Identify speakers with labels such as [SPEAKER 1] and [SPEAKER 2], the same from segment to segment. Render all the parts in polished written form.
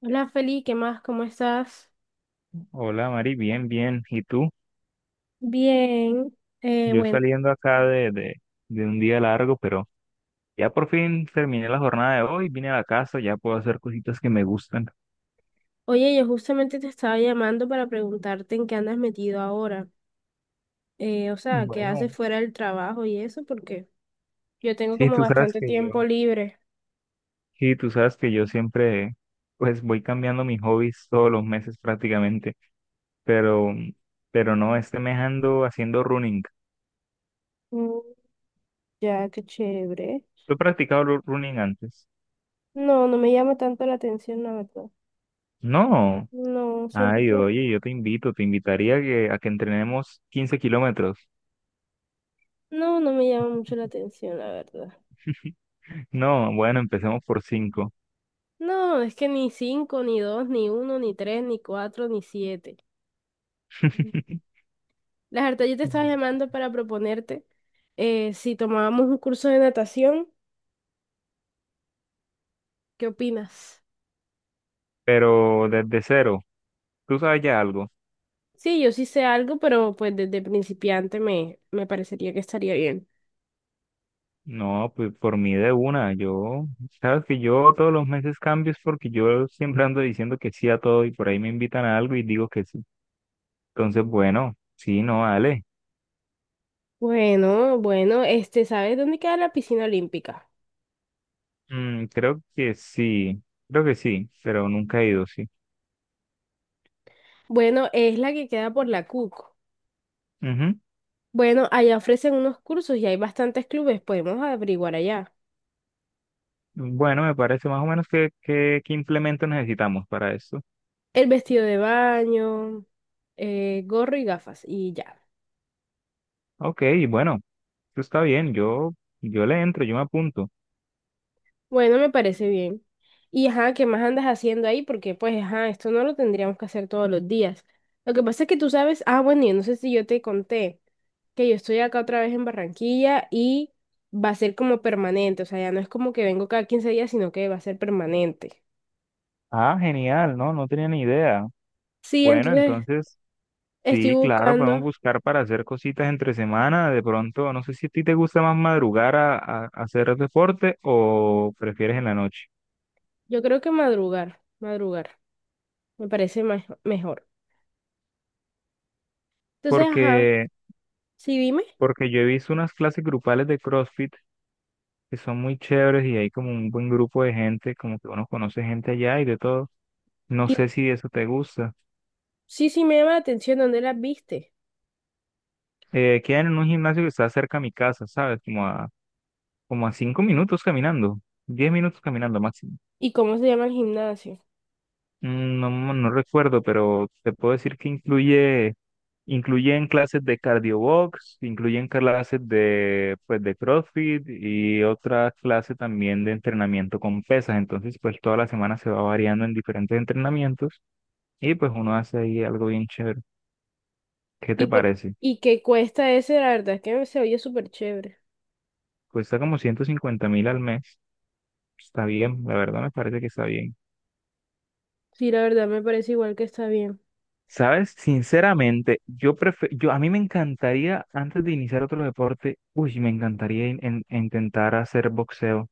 [SPEAKER 1] Hola Feli, ¿qué más? ¿Cómo estás?
[SPEAKER 2] Hola Mari, bien, bien. ¿Y tú?
[SPEAKER 1] Bien.
[SPEAKER 2] Yo
[SPEAKER 1] Bueno,
[SPEAKER 2] saliendo acá de un día largo, pero ya por fin terminé la jornada de hoy, vine a la casa, ya puedo hacer cositas que me gustan.
[SPEAKER 1] oye, yo justamente te estaba llamando para preguntarte en qué andas metido ahora. O sea, ¿qué
[SPEAKER 2] Bueno,
[SPEAKER 1] haces fuera del trabajo y eso? Porque yo tengo
[SPEAKER 2] sí,
[SPEAKER 1] como
[SPEAKER 2] tú sabes
[SPEAKER 1] bastante
[SPEAKER 2] que yo,
[SPEAKER 1] tiempo libre.
[SPEAKER 2] sí, tú sabes que yo siempre, pues voy cambiando mis hobbies todos los meses prácticamente, pero, pero no, este mes ando haciendo running.
[SPEAKER 1] Mm, ya, qué chévere.
[SPEAKER 2] ¿Tú has practicado running antes?
[SPEAKER 1] No, no me llama tanto la atención, la verdad.
[SPEAKER 2] No.
[SPEAKER 1] No, siento
[SPEAKER 2] Ay,
[SPEAKER 1] que
[SPEAKER 2] oye, yo te invito, te invitaría a a que entrenemos 15 kilómetros.
[SPEAKER 1] no, no me llama mucho la atención, la verdad.
[SPEAKER 2] No, bueno, empecemos por cinco.
[SPEAKER 1] No, es que ni cinco, ni dos, ni uno, ni tres, ni cuatro, ni siete. La verdad, yo te estaba llamando para proponerte si tomábamos un curso de natación, ¿qué opinas?
[SPEAKER 2] Pero desde cero, ¿tú sabes ya algo?
[SPEAKER 1] Sí, yo sí sé algo, pero pues desde principiante me parecería que estaría bien.
[SPEAKER 2] No, pues por mí de una. Yo, sabes que yo todos los meses cambio es porque yo siempre ando diciendo que sí a todo y por ahí me invitan a algo y digo que sí. Entonces, bueno, sí, no, dale.
[SPEAKER 1] Bueno, bueno, este, ¿sabes dónde queda la piscina olímpica?
[SPEAKER 2] Mm, creo que sí, pero nunca he ido, sí.
[SPEAKER 1] Bueno, es la que queda por la CUC.
[SPEAKER 2] Ujú.
[SPEAKER 1] Bueno, allá ofrecen unos cursos y hay bastantes clubes, podemos averiguar allá.
[SPEAKER 2] Bueno, me parece más o menos qué implemento necesitamos para esto.
[SPEAKER 1] El vestido de baño, gorro y gafas y ya.
[SPEAKER 2] Ok, bueno. Pues está bien, yo le entro, yo me apunto.
[SPEAKER 1] Bueno, me parece bien. Y ajá, ¿qué más andas haciendo ahí? Porque pues ajá, esto no lo tendríamos que hacer todos los días. Lo que pasa es que tú sabes, ah, bueno, yo no sé si yo te conté que yo estoy acá otra vez en Barranquilla y va a ser como permanente, o sea, ya no es como que vengo cada 15 días, sino que va a ser permanente.
[SPEAKER 2] Ah, genial, no, no tenía ni idea.
[SPEAKER 1] Sí,
[SPEAKER 2] Bueno,
[SPEAKER 1] entonces
[SPEAKER 2] entonces,
[SPEAKER 1] estoy
[SPEAKER 2] sí, claro, podemos
[SPEAKER 1] buscando,
[SPEAKER 2] buscar para hacer cositas entre semana. De pronto, no sé si a ti te gusta más madrugar a hacer deporte o prefieres en la noche.
[SPEAKER 1] yo creo que madrugar, madrugar, me parece mejor. Entonces, ajá,
[SPEAKER 2] Porque,
[SPEAKER 1] sí, dime.
[SPEAKER 2] porque yo he visto unas clases grupales de CrossFit que son muy chéveres y hay como un buen grupo de gente, como que uno conoce gente allá y de todo. No sé si eso te gusta.
[SPEAKER 1] Sí, sí, me llama la atención dónde las viste
[SPEAKER 2] Quedan en un gimnasio que está cerca a mi casa, ¿sabes? Como a 5 minutos caminando, 10 minutos caminando máximo.
[SPEAKER 1] y cómo se llama el gimnasio.
[SPEAKER 2] Mm, no, no recuerdo, pero te puedo decir que incluyen clases de cardio box, incluyen clases de, pues, de CrossFit y otra clase también de entrenamiento con pesas. Entonces, pues toda la semana se va variando en diferentes entrenamientos y pues uno hace ahí algo bien chévere. ¿Qué
[SPEAKER 1] Y
[SPEAKER 2] te
[SPEAKER 1] por
[SPEAKER 2] parece?
[SPEAKER 1] y qué cuesta ese, la verdad es que se oye súper chévere.
[SPEAKER 2] Cuesta como 150.000 al mes. Está bien, la verdad me parece que está bien.
[SPEAKER 1] Sí, la verdad me parece igual que está bien.
[SPEAKER 2] Sabes, sinceramente, yo a mí me encantaría antes de iniciar otro deporte, uy, me encantaría intentar hacer boxeo.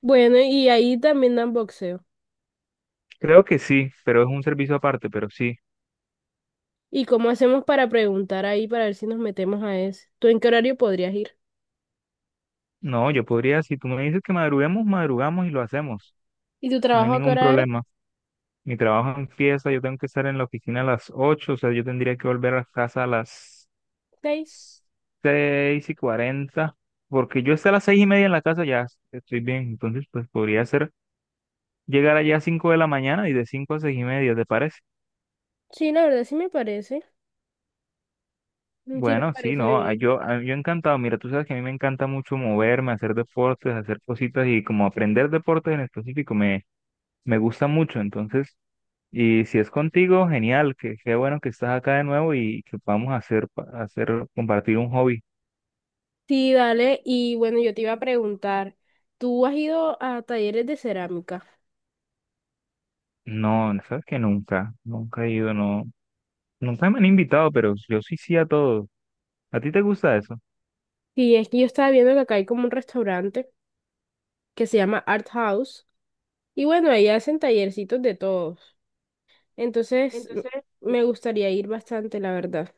[SPEAKER 1] Bueno, y ahí también dan boxeo.
[SPEAKER 2] Creo que sí, pero es un servicio aparte, pero sí.
[SPEAKER 1] ¿Y cómo hacemos para preguntar ahí para ver si nos metemos a ese? ¿Tú en qué horario podrías ir?
[SPEAKER 2] No, yo podría, si tú me dices que madruguemos, madrugamos y lo hacemos.
[SPEAKER 1] ¿Y tu
[SPEAKER 2] No hay
[SPEAKER 1] trabajo a qué
[SPEAKER 2] ningún
[SPEAKER 1] hora es?
[SPEAKER 2] problema. Mi trabajo empieza, yo tengo que estar en la oficina a las 8, o sea, yo tendría que volver a casa a las
[SPEAKER 1] ¿Seis?
[SPEAKER 2] 6:40, porque yo hasta las 6:30 en la casa ya estoy bien, entonces pues podría hacer llegar allá a 5 de la mañana y de 5:00 a 6:30, ¿te parece?
[SPEAKER 1] Sí, la verdad sí me parece. Mm, sí, me
[SPEAKER 2] Bueno, sí,
[SPEAKER 1] parece
[SPEAKER 2] no,
[SPEAKER 1] bien.
[SPEAKER 2] yo encantado. Mira, tú sabes que a mí me encanta mucho moverme, hacer deportes, hacer cositas y como aprender deportes en específico me, me gusta mucho. Entonces, y si es contigo, genial, que qué bueno que estás acá de nuevo y que podamos hacer, compartir un hobby.
[SPEAKER 1] Sí, dale. Y bueno, yo te iba a preguntar, ¿tú has ido a talleres de cerámica?
[SPEAKER 2] No, sabes que nunca, nunca he ido, no, nunca me han invitado, pero yo sí sí a todo. ¿A ti te gusta eso?
[SPEAKER 1] Sí, es que yo estaba viendo que acá hay como un restaurante que se llama Art House. Y bueno, ahí hacen tallercitos de todos. Entonces,
[SPEAKER 2] Entonces,
[SPEAKER 1] me gustaría ir bastante, la verdad.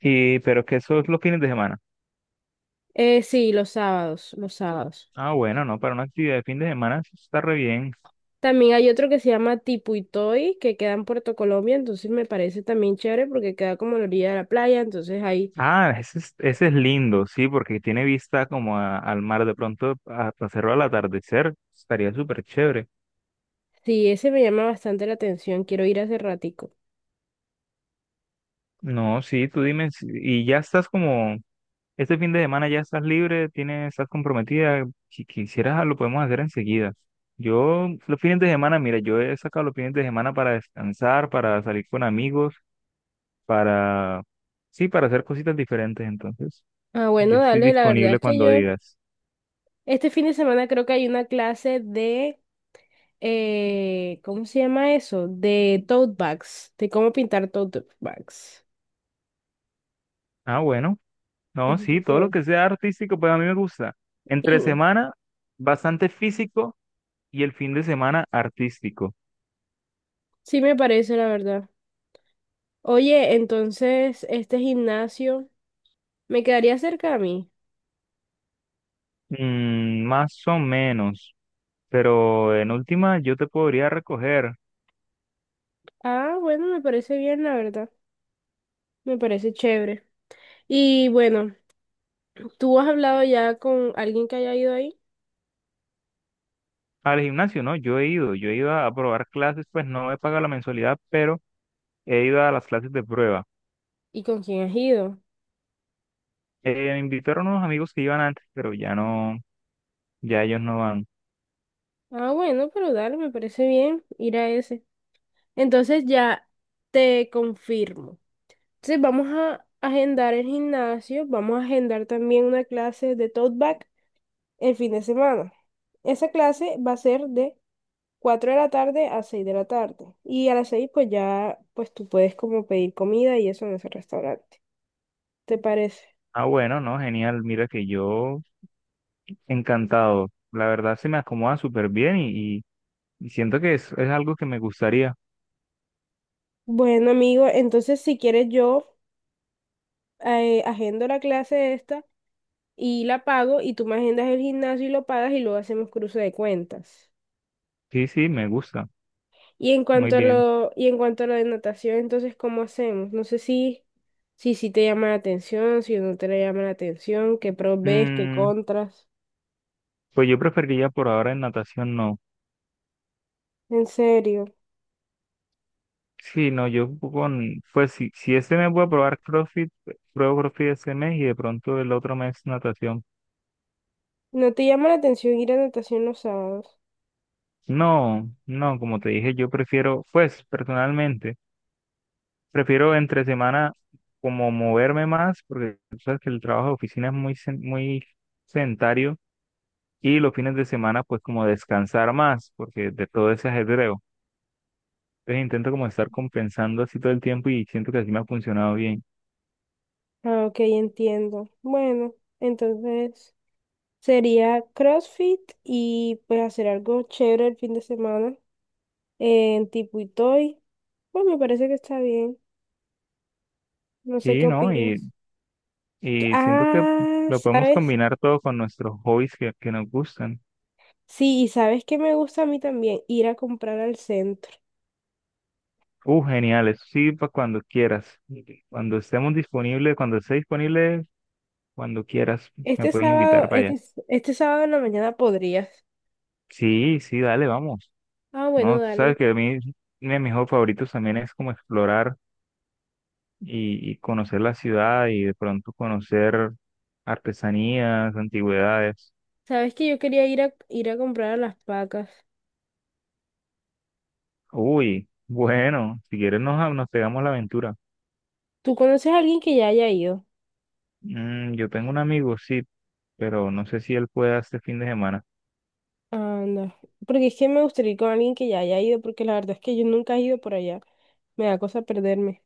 [SPEAKER 2] y, pero que eso es los fines de semana.
[SPEAKER 1] Sí, los sábados, los sábados.
[SPEAKER 2] Ah, bueno, no, para una actividad de fin de semana sí está re bien.
[SPEAKER 1] También hay otro que se llama Tipuitoy, que queda en Puerto Colombia, entonces me parece también chévere porque queda como a la orilla de la playa, entonces ahí,
[SPEAKER 2] Ah, ese es lindo, sí, porque tiene vista como al mar de pronto, a hacerlo al atardecer, estaría súper chévere.
[SPEAKER 1] sí, ese me llama bastante la atención, quiero ir hace ratico.
[SPEAKER 2] No, sí, tú dime, y ya estás como, este fin de semana ya estás libre, tienes, estás comprometida, si quisieras lo podemos hacer enseguida. Yo, los fines de semana, mira, yo he sacado los fines de semana para descansar, para salir con amigos, para, sí, para hacer cositas diferentes, entonces,
[SPEAKER 1] Ah, bueno,
[SPEAKER 2] yo estoy
[SPEAKER 1] dale, la verdad es
[SPEAKER 2] disponible
[SPEAKER 1] que
[SPEAKER 2] cuando
[SPEAKER 1] yo,
[SPEAKER 2] digas.
[SPEAKER 1] este fin de semana creo que hay una clase de ¿cómo se llama eso? De tote bags, de cómo pintar tote bags.
[SPEAKER 2] Ah, bueno. No, sí,
[SPEAKER 1] Ujú.
[SPEAKER 2] todo lo
[SPEAKER 1] Sí.
[SPEAKER 2] que sea artístico, pues a mí me gusta.
[SPEAKER 1] Sí,
[SPEAKER 2] Entre semana, bastante físico y el fin de semana, artístico.
[SPEAKER 1] sí me parece, la verdad. Oye, entonces, este gimnasio me quedaría cerca a mí.
[SPEAKER 2] Mm, más o menos. Pero en última, yo te podría recoger
[SPEAKER 1] Ah, bueno, me parece bien, la verdad. Me parece chévere. Y bueno, ¿tú has hablado ya con alguien que haya ido ahí?
[SPEAKER 2] al gimnasio, ¿no? Yo he ido a probar clases, pues no he pagado la mensualidad, pero he ido a las clases de prueba.
[SPEAKER 1] ¿Y con quién has ido?
[SPEAKER 2] Me invitaron unos amigos que iban antes, pero ya no, ya ellos no van.
[SPEAKER 1] Ah, bueno, pero dale, me parece bien ir a ese. Entonces ya te confirmo. Entonces vamos a agendar el gimnasio, vamos a agendar también una clase de tote bag el fin de semana. Esa clase va a ser de 4 de la tarde a 6 de la tarde. Y a las 6 pues ya pues tú puedes como pedir comida y eso en ese restaurante. ¿Te parece?
[SPEAKER 2] Ah, bueno, no, genial. Mira que yo encantado. La verdad se me acomoda súper bien. Y siento que es algo que me gustaría.
[SPEAKER 1] Bueno, amigo, entonces si quieres yo agendo la clase esta y la pago y tú me agendas el gimnasio y lo pagas y luego hacemos cruce de cuentas.
[SPEAKER 2] Sí, sí, me gusta.
[SPEAKER 1] Y en
[SPEAKER 2] Muy
[SPEAKER 1] cuanto a
[SPEAKER 2] bien.
[SPEAKER 1] lo, y en cuanto a la de natación, entonces, ¿cómo hacemos? No sé si te llama la atención, si no te llama la atención, qué pros ves, qué
[SPEAKER 2] Mm,
[SPEAKER 1] contras.
[SPEAKER 2] pues yo preferiría por ahora en natación no.
[SPEAKER 1] En serio,
[SPEAKER 2] Sí, no, yo con, pues si este mes voy a probar CrossFit, pruebo CrossFit este mes y de pronto el otro mes natación.
[SPEAKER 1] ¿no te llama la atención ir a natación los sábados?
[SPEAKER 2] No, no, como te dije, yo prefiero, pues personalmente, prefiero entre semana como moverme más, porque tú sabes que el trabajo de oficina es muy, muy sedentario y los fines de semana pues como descansar más, porque de todo ese ajedreo. Entonces intento como estar compensando así todo el tiempo y siento que así me ha funcionado bien.
[SPEAKER 1] Ah, ok, entiendo. Bueno, entonces sería CrossFit y pues hacer algo chévere el fin de semana en tipo Itoy. Pues me parece que está bien. No sé qué
[SPEAKER 2] Sí, ¿no?
[SPEAKER 1] opinas. Que-
[SPEAKER 2] Y siento que
[SPEAKER 1] Ah,
[SPEAKER 2] lo podemos
[SPEAKER 1] ¿sabes?
[SPEAKER 2] combinar todo con nuestros hobbies que nos gustan.
[SPEAKER 1] Sí, y sabes que me gusta a mí también ir a comprar al centro.
[SPEAKER 2] Genial, eso sí, para cuando quieras. Cuando estemos disponibles, cuando esté disponible, cuando quieras, me
[SPEAKER 1] Este
[SPEAKER 2] puedes
[SPEAKER 1] sábado,
[SPEAKER 2] invitar para allá.
[SPEAKER 1] este sábado en la mañana podrías.
[SPEAKER 2] Sí, sí, dale, vamos.
[SPEAKER 1] Ah, bueno,
[SPEAKER 2] No, tú sabes
[SPEAKER 1] dale.
[SPEAKER 2] que a mí, uno de mis hobbies favoritos también es como explorar y conocer la ciudad y de pronto conocer artesanías, antigüedades.
[SPEAKER 1] Sabes que yo quería ir a comprar a las pacas.
[SPEAKER 2] Uy, bueno, si quieres nos pegamos la aventura.
[SPEAKER 1] ¿Tú conoces a alguien que ya haya ido?
[SPEAKER 2] Mm, yo tengo un amigo, sí, pero no sé si él puede este fin de semana.
[SPEAKER 1] Anda. Porque es que me gustaría ir con alguien que ya haya ido, porque la verdad es que yo nunca he ido por allá. Me da cosa perderme.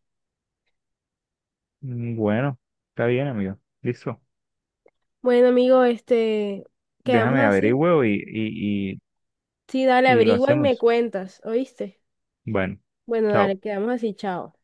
[SPEAKER 2] Mm, bueno, está bien, amigo. Listo.
[SPEAKER 1] Bueno, amigo, este, quedamos
[SPEAKER 2] Déjame
[SPEAKER 1] así.
[SPEAKER 2] averiguo
[SPEAKER 1] Sí, dale,
[SPEAKER 2] y lo
[SPEAKER 1] averigua y me
[SPEAKER 2] hacemos.
[SPEAKER 1] cuentas, ¿oíste?
[SPEAKER 2] Bueno,
[SPEAKER 1] Bueno, dale,
[SPEAKER 2] chao.
[SPEAKER 1] quedamos así, chao.